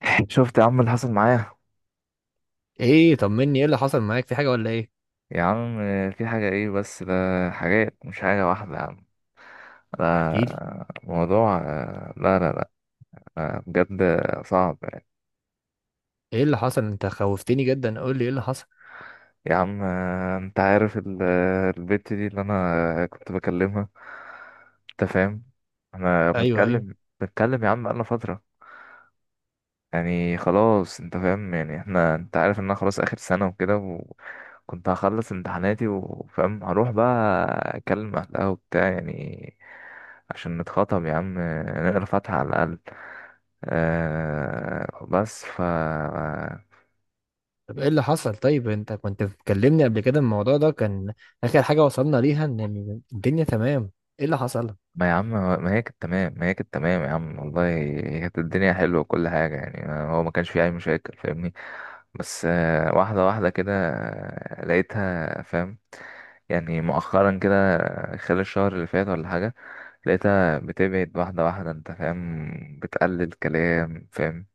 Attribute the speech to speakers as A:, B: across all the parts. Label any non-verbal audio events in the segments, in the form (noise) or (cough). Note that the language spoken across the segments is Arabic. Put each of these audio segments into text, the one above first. A: (laughs) شفت يا عم اللي حصل معايا.
B: ايه، طمني، ايه اللي حصل معاك؟ في حاجه ولا ايه؟
A: يا عم، في حاجة ايه بس ده. حاجات مش حاجة واحدة يا عم.
B: احكي لي
A: لا موضوع لا لا لا. بجد صعب يعني.
B: ايه اللي حصل، انت خوفتني جدا، قول لي ايه اللي حصل.
A: يا عم، انت عارف البت دي اللي انا كنت بكلمها. انت فاهم؟ احنا
B: ايوه، ايوه.
A: بنتكلم يا عم بقالنا فترة. يعني خلاص انت فاهم، يعني احنا انت عارف ان انا خلاص اخر سنة وكده، وكنت هخلص امتحاناتي وفاهم هروح بقى اكلم اهلها وبتاع، يعني عشان نتخطب يا عم، نقرا فاتحة على الاقل. أه بس ف
B: طب ايه اللي حصل؟ طيب انت كنت بتكلمني قبل كده، الموضوع ده كان اخر حاجه وصلنا ليها ان الدنيا تمام. ايه اللي حصل؟
A: ما يا عم، ما هي كانت تمام يا عم، والله هي كانت الدنيا حلوة وكل حاجة، يعني هو ما كانش فيه أي مشاكل فاهمني. بس واحدة واحدة كده، لقيتها فاهم، يعني مؤخرا كده، خلال الشهر اللي فات ولا حاجة. لقيتها بتبعد واحدة واحدة انت فاهم، بتقلل كلام فاهم.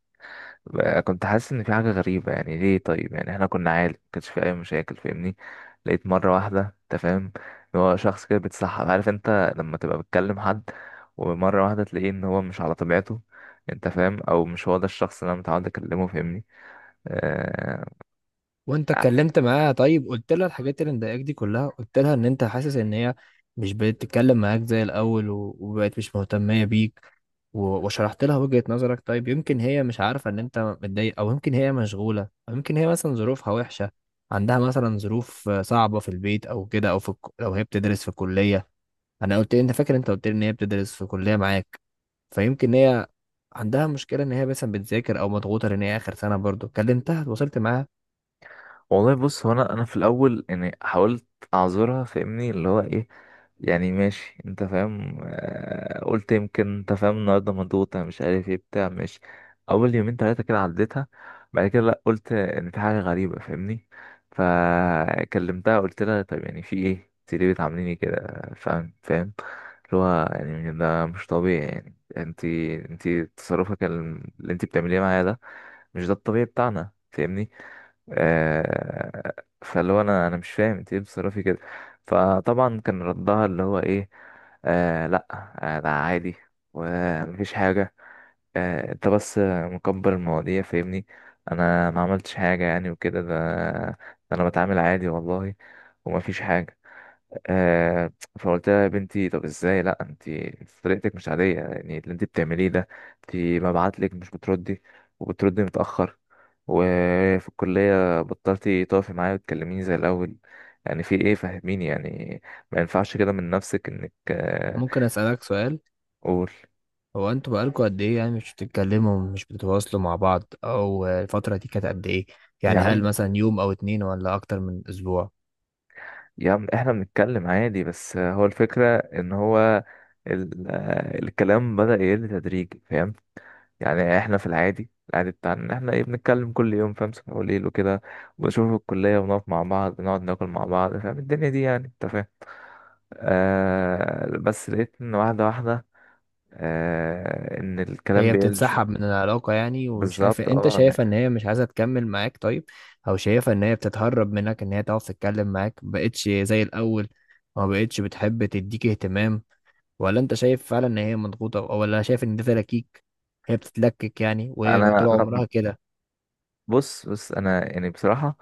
A: بقى كنت حاسس ان في حاجة غريبة، يعني ليه؟ طيب يعني احنا كنا عادي مكانش في اي مشاكل فاهمني. لقيت مرة واحدة انت فاهم، ان هو شخص كده بيتسحب، عارف انت لما تبقى بتكلم حد ومرة واحدة تلاقيه ان هو مش على طبيعته، انت فاهم؟ او مش هو ده الشخص اللي انا متعود اكلمه فاهمني. أه.
B: وانت اتكلمت معاها؟ طيب قلت لها الحاجات اللي مضايقاك دي كلها؟ قلت لها ان انت حاسس ان هي مش بقت تتكلم معاك زي الاول و- وبقت مش مهتمية بيك و- وشرحت لها وجهة نظرك؟ طيب يمكن هي مش عارفة ان انت متضايق، او يمكن هي مشغولة، او يمكن هي مثلا ظروفها وحشة، عندها مثلا ظروف صعبة في البيت او كده، او في لو هي بتدرس في كلية. انا قلت، انت فاكر انت قلت لي ان هي بتدرس في كلية معاك، فيمكن هي عندها مشكلة ان هي مثلا بتذاكر او مضغوطة لان هي اخر سنة برضو. كلمتها؟ اتواصلت معاها؟
A: والله بص، هو انا في الاول يعني حاولت اعذرها فاهمني، اللي هو ايه يعني ماشي انت فاهم، قلت يمكن انت فاهم النهارده مضغوطة مش عارف ايه بتاع ماشي. اول يومين تلاتة كده عديتها. بعد كده لا، قلت ان في حاجة غريبة فاهمني. فكلمتها قلت لها طيب يعني في ايه، انت ليه بتعامليني كده فاهم فاهم، اللي هو يعني ده مش طبيعي، يعني انت اللي انت بتعمليه معايا ده مش ده الطبيعي بتاعنا فاهمني. آه فاللي هو انا مش فاهم انت ليه بتصرفي كده. فطبعا كان ردها اللي هو ايه، لا ده عادي ومفيش حاجة، انت بس مكبر المواضيع فاهمني، انا ما عملتش حاجة يعني وكده، ده انا بتعامل عادي والله ومفيش حاجة. آه فقلت لها يا بنتي طب ازاي، لا انت طريقتك مش عاديه، يعني اللي انت بتعمليه ده، انت ببعت لك مش بتردي، وبتردي متاخر، وفي الكليه بطلتي تقفي معايا وتكلميني زي الاول، يعني في ايه فهميني يعني؟ ما ينفعش كده من نفسك انك.
B: ممكن أسألك سؤال؟
A: قول.
B: هو انتوا بقالكوا قد ايه يعني مش بتتكلموا، مش بتتواصلوا مع بعض؟ او الفترة دي كانت قد ايه؟
A: يا
B: يعني
A: عم
B: هل مثلا يوم او اتنين ولا اكتر من اسبوع؟
A: يا عم، احنا بنتكلم عادي بس هو الفكره ان هو الكلام بدأ يقل تدريجي فاهم. يعني احنا في العادي العادي بتاعنا ان احنا ايه بنتكلم كل يوم فاهم، صبح وليل وكده، وبنشوف الكلية ونقف مع بعض نقعد ناكل مع بعض فاهم الدنيا دي، يعني انت فاهم. بس لقيت ان واحدة واحدة، ان الكلام
B: هي
A: بيقل شوية.
B: بتتسحب من العلاقة يعني، وشايف
A: بالظبط
B: انت،
A: اه
B: شايفة ان
A: يعني.
B: هي مش عايزة تكمل معاك؟ طيب او شايفة ان هي بتتهرب منك، ان هي تعرف تتكلم معاك مبقتش زي الاول، ما بقتش بتحب تديك اهتمام؟ ولا انت شايف فعلا ان هي مضغوطة، ولا شايف ان ده تلاكيك؟ هي بتتلكك يعني، وهي
A: انا
B: طول
A: انا
B: عمرها كده؟
A: بص بص، انا يعني بصراحة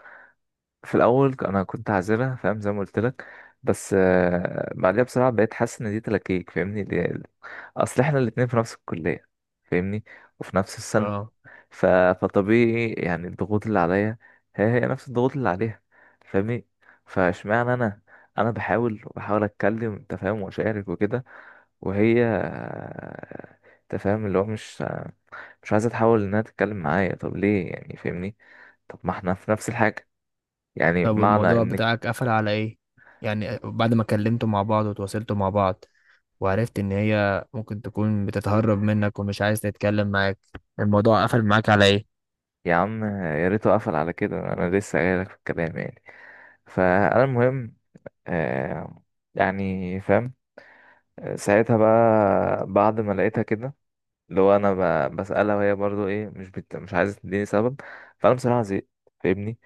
A: في الاول انا كنت عازلة فاهم، زي ما قلت لك. بس بعدها بصراحة بقيت حاسس ان دي تلاكيك فاهمني، اصل احنا الاتنين في نفس الكلية فاهمني، وفي نفس السنة.
B: اه.
A: ف... فطبيعي يعني الضغوط اللي عليا هي هي نفس الضغوط اللي عليها فاهمني. فاشمعنى انا، انا بحاول وبحاول اتكلم انت فاهم واشارك وكده، وهي انت فاهم، اللي هو مش عايزه تحاول انها تتكلم معايا، طب ليه يعني فاهمني؟ طب ما احنا في نفس الحاجه، يعني
B: طب
A: معنى
B: والموضوع
A: انك.
B: بتاعك قفل على ايه؟ يعني بعد ما كلمتوا مع بعض وتواصلتوا مع بعض، وعرفت ان هي ممكن تكون بتتهرب منك ومش عايز تتكلم معاك، الموضوع قفل معاك على ايه؟
A: يا عم، يا ريته قفل على كده، انا لسه جايلك في الكلام يعني. فانا المهم، آه يعني فاهم، ساعتها بقى بعد ما لقيتها كده، اللي هو انا بسألها وهي برضو ايه، مش عايزة تديني سبب. فانا بصراحة زهقت فاهمني،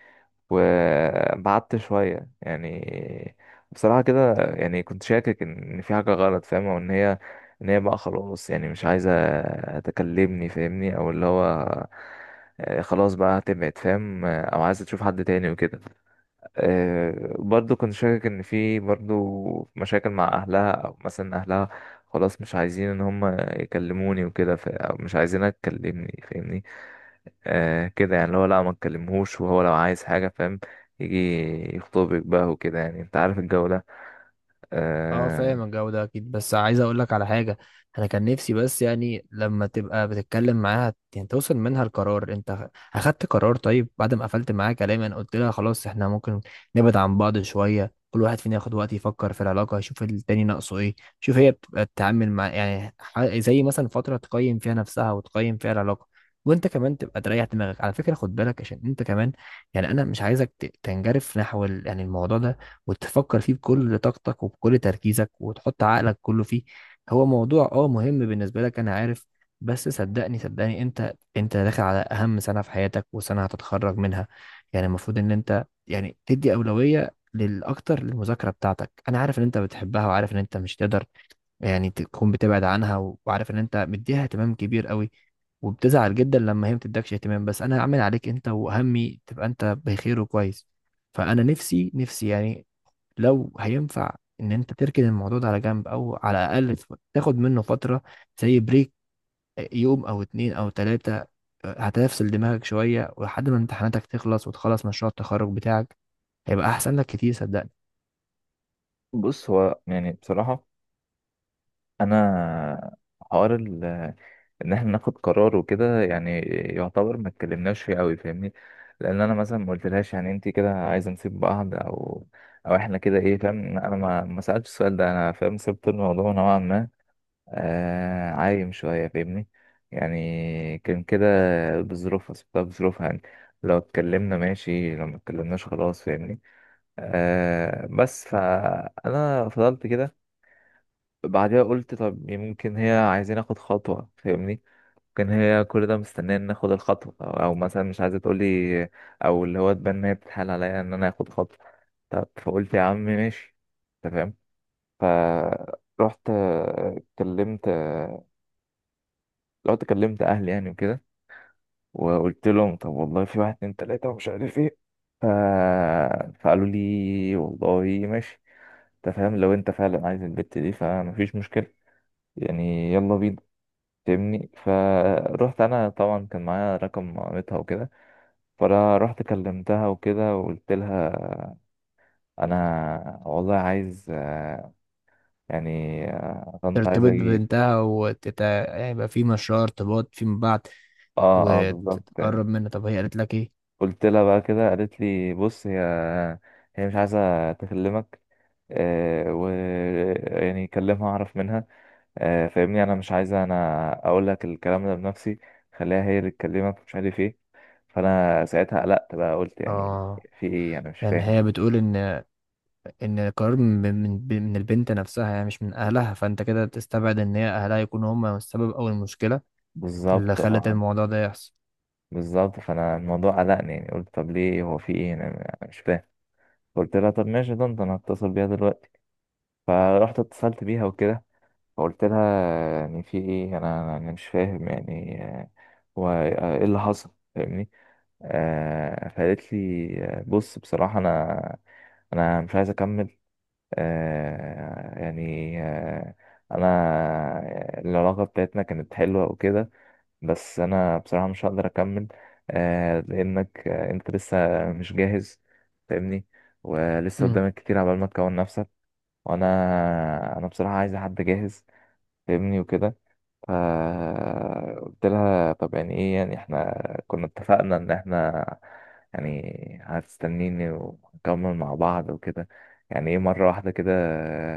A: وبعدت شوية يعني. بصراحة كده، يعني كنت شاكك ان في حاجة غلط فاهم، وان هي، ان هي بقى خلاص يعني مش عايزة تكلمني فاهمني، او اللي هو خلاص بقى هتبعد فاهم، او عايزة تشوف حد تاني وكده. برضو كنت شاكك ان في برضو مشاكل مع اهلها، او مثلا اهلها خلاص مش عايزين ان هم يكلموني وكده، او مش عايزينها تكلمني فاهمني. كده يعني، اللي هو لا ما تكلمهوش، وهو لو عايز حاجة فاهم يجي يخطبك بقى وكده، يعني انت عارف الجو ده.
B: اه
A: آه.
B: فاهم الجو ده اكيد، بس عايز اقول لك على حاجه. انا كان نفسي بس يعني لما تبقى بتتكلم معاها يعني توصل منها القرار، انت اخدت قرار طيب بعد ما قفلت معاها كلام. انا قلت لها خلاص احنا ممكن نبعد عن بعض شويه، كل واحد فينا ياخد وقت يفكر في العلاقه، يشوف التاني ناقصه ايه، شوف هي بتبقى تتعامل مع يعني زي مثلا فتره تقيم فيها نفسها وتقيم فيها العلاقه. وانت كمان تبقى تريح دماغك، على فكره خد بالك عشان انت كمان، يعني انا مش عايزك تنجرف نحو يعني الموضوع ده، وتفكر فيه بكل طاقتك وبكل تركيزك وتحط عقلك كله فيه. هو موضوع اه مهم بالنسبة لك، انا عارف، بس صدقني صدقني، انت داخل على اهم سنة في حياتك، وسنة هتتخرج منها. يعني المفروض ان انت يعني تدي أولوية للأكتر، للمذاكرة بتاعتك. أنا عارف إن أنت بتحبها، وعارف إن أنت مش تقدر يعني تكون بتبعد عنها، وعارف إن أنت مديها اهتمام كبير قوي، وبتزعل جدا لما هي ما بتدكش اهتمام. بس أنا هعمل عليك أنت وأهمي تبقى أنت بخير وكويس. فأنا نفسي يعني لو هينفع ان انت تركن الموضوع ده على جنب، او على الاقل تاخد منه فتره زي بريك، يوم او اتنين او تلاته، هتفصل دماغك شويه، ولحد ما امتحاناتك تخلص وتخلص مشروع التخرج بتاعك، هيبقى احسن لك كتير صدقني.
A: بص، هو يعني بصراحة، أنا حوار ال- ان احنا ناخد قرار وكده، يعني يعتبر ما اتكلمناش فيه قوي فاهمني. لان انا مثلا ما قلتلهاش يعني انت كده عايزه نسيب بعض او احنا كده ايه فاهم، انا ما سالتش السؤال ده، انا فاهم سبت الموضوع نوعا ما عايم شويه فاهمني. يعني كان كده بظروفها، سبتها بظروفها يعني، لو اتكلمنا ماشي لو ما اتكلمناش خلاص فاهمني. بس فانا فضلت كده. بعدها قلت طب يمكن هي عايزين اخد خطوه فاهمني، كان هي كل ده مستنيه ان اخد الخطوه، او مثلا مش عايزه تقولي، او اللي هو تبان ان هي بتتحايل عليا ان انا اخد خطوه. طب فقلت يا عم ماشي، انت فاهم. فرحت آه، كلمت آه، رحت كلمت اهلي يعني وكده، وقلت لهم طب والله في واحد اتنين تلاته ومش عارف ايه. ف... فقالوا لي والله ماشي انت فاهم، لو انت فعلا عايز البت دي فمفيش مشكله يعني، يلا بينا. فاهمني. فروحت انا، طبعا كان معايا رقم مامتها وكده، فانا رحت كلمتها وكده وقلت لها انا والله عايز يعني كنت عايز
B: ترتبط
A: اجي.
B: ببنتها هيبقى في مشروع ارتباط فيما بعد،
A: اه اه بالظبط يعني.
B: وتتقرب منها. طب هي قالت لك ايه؟
A: قلت لها بقى كده، قالت لي بص هي مش عايزه تكلمك آه و يعني كلمها اعرف منها. فاهمني، انا مش عايزه انا اقول لك الكلام ده بنفسي، خليها هي اللي تكلمك مش عارف ايه. فانا ساعتها قلقت بقى، قلت يعني
B: اه.
A: في ايه، انا مش
B: يعني
A: فاهم.
B: هي بتقول ان، ان القرار من البنت نفسها يعني، مش من اهلها، فانت كده تستبعد ان هي اهلها يكونوا هم السبب او المشكله اللي
A: بالظبط
B: خلت
A: اه.
B: الموضوع ده يحصل.
A: بالظبط، فانا الموضوع قلقني يعني، قلت طب ليه، هو في ايه، انا مش فاهم. قلت لها طب ماشي، ده انا هتصل بيها دلوقتي. فرحت اتصلت بيها وكده، فقلت لها يعني في ايه، انا مش فاهم يعني، هو ايه اللي حصل فاهمني. فقالت لي بص بصراحة انا مش عايز اكمل، آه يعني آه انا العلاقة بتاعتنا كانت حلوة وكده، بس انا بصراحة مش هقدر اكمل، لانك انت لسه مش جاهز فاهمني، ولسه
B: امم.
A: قدامك كتير عبال ما تكون نفسك، وانا انا بصراحة عايز حد جاهز فاهمني وكده. فقلت لها طب يعني ايه، يعني احنا كنا اتفقنا ان احنا يعني هتستنيني ونكمل مع بعض وكده، يعني ايه مرة واحدة كده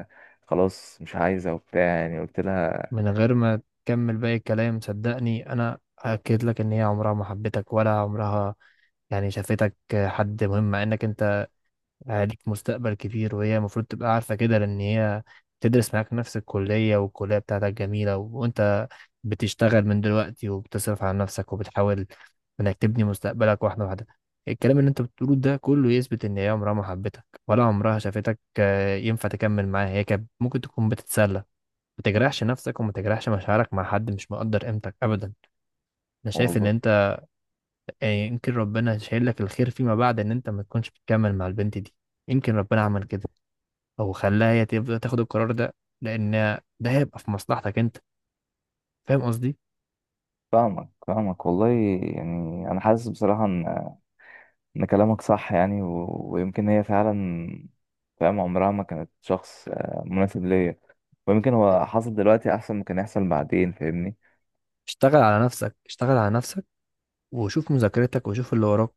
A: آه، خلاص مش عايزة وبتاع، يعني قلت لها.
B: من غير ما تكمل باقي الكلام صدقني، انا اكد لك ان هي عمرها ما حبتك، ولا عمرها يعني شافتك حد مهم، مع انك انت عليك مستقبل كبير، وهي المفروض تبقى عارفه كده، لان هي تدرس معاك نفس الكليه، والكليه بتاعتك جميله، وانت بتشتغل من دلوقتي، وبتصرف على نفسك، وبتحاول انك تبني مستقبلك واحده واحده. الكلام اللي انت بتقوله ده كله يثبت ان هي عمرها ما حبتك، ولا عمرها شافتك، ينفع تكمل معاها؟ هي كانت ممكن تكون بتتسلى. ما تجرحش نفسك، وما تجرحش مشاعرك مع حد مش مقدر قيمتك ابدا. انا شايف ان
A: والله
B: انت يعني يمكن ربنا شايل لك الخير فيما بعد ان انت ما تكونش بتكمل مع البنت دي، يمكن ربنا عمل كده، او خلاها هي تبدا تاخد القرار ده، لان ده هيبقى في مصلحتك انت. فاهم قصدي؟
A: فاهمك فاهمك، والله يعني انا حاسس بصراحه ان ان كلامك صح يعني ويمكن هي فعلا فاهم عمرها ما كانت شخص مناسب ليا، ويمكن هو حصل دلوقتي احسن ما كان يحصل بعدين فاهمني.
B: اشتغل على نفسك، اشتغل على نفسك، وشوف مذاكرتك، وشوف اللي وراك،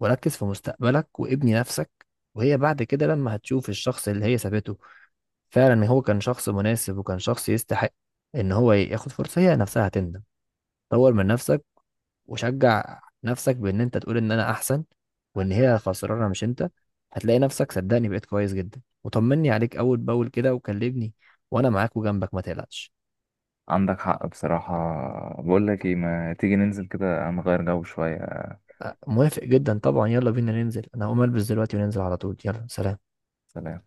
B: وركز في مستقبلك، وابني نفسك. وهي بعد كده لما هتشوف الشخص اللي هي سابته فعلا هو كان شخص مناسب، وكان شخص يستحق ان هو ياخد فرصة، هي نفسها هتندم. طور من نفسك، وشجع نفسك بان انت تقول ان انا احسن، وان هي خسرانه مش انت. هتلاقي نفسك صدقني بقيت كويس جدا، وطمني عليك اول باول كده وكلمني، وانا معاك وجنبك ما تقلقش.
A: عندك حق بصراحه. بقول لك ايه، ما تيجي ننزل كده نغير جو شويه.
B: موافق جدا طبعا، يلا بينا ننزل، انا هقوم البس دلوقتي وننزل على طول. يلا سلام.
A: سلام.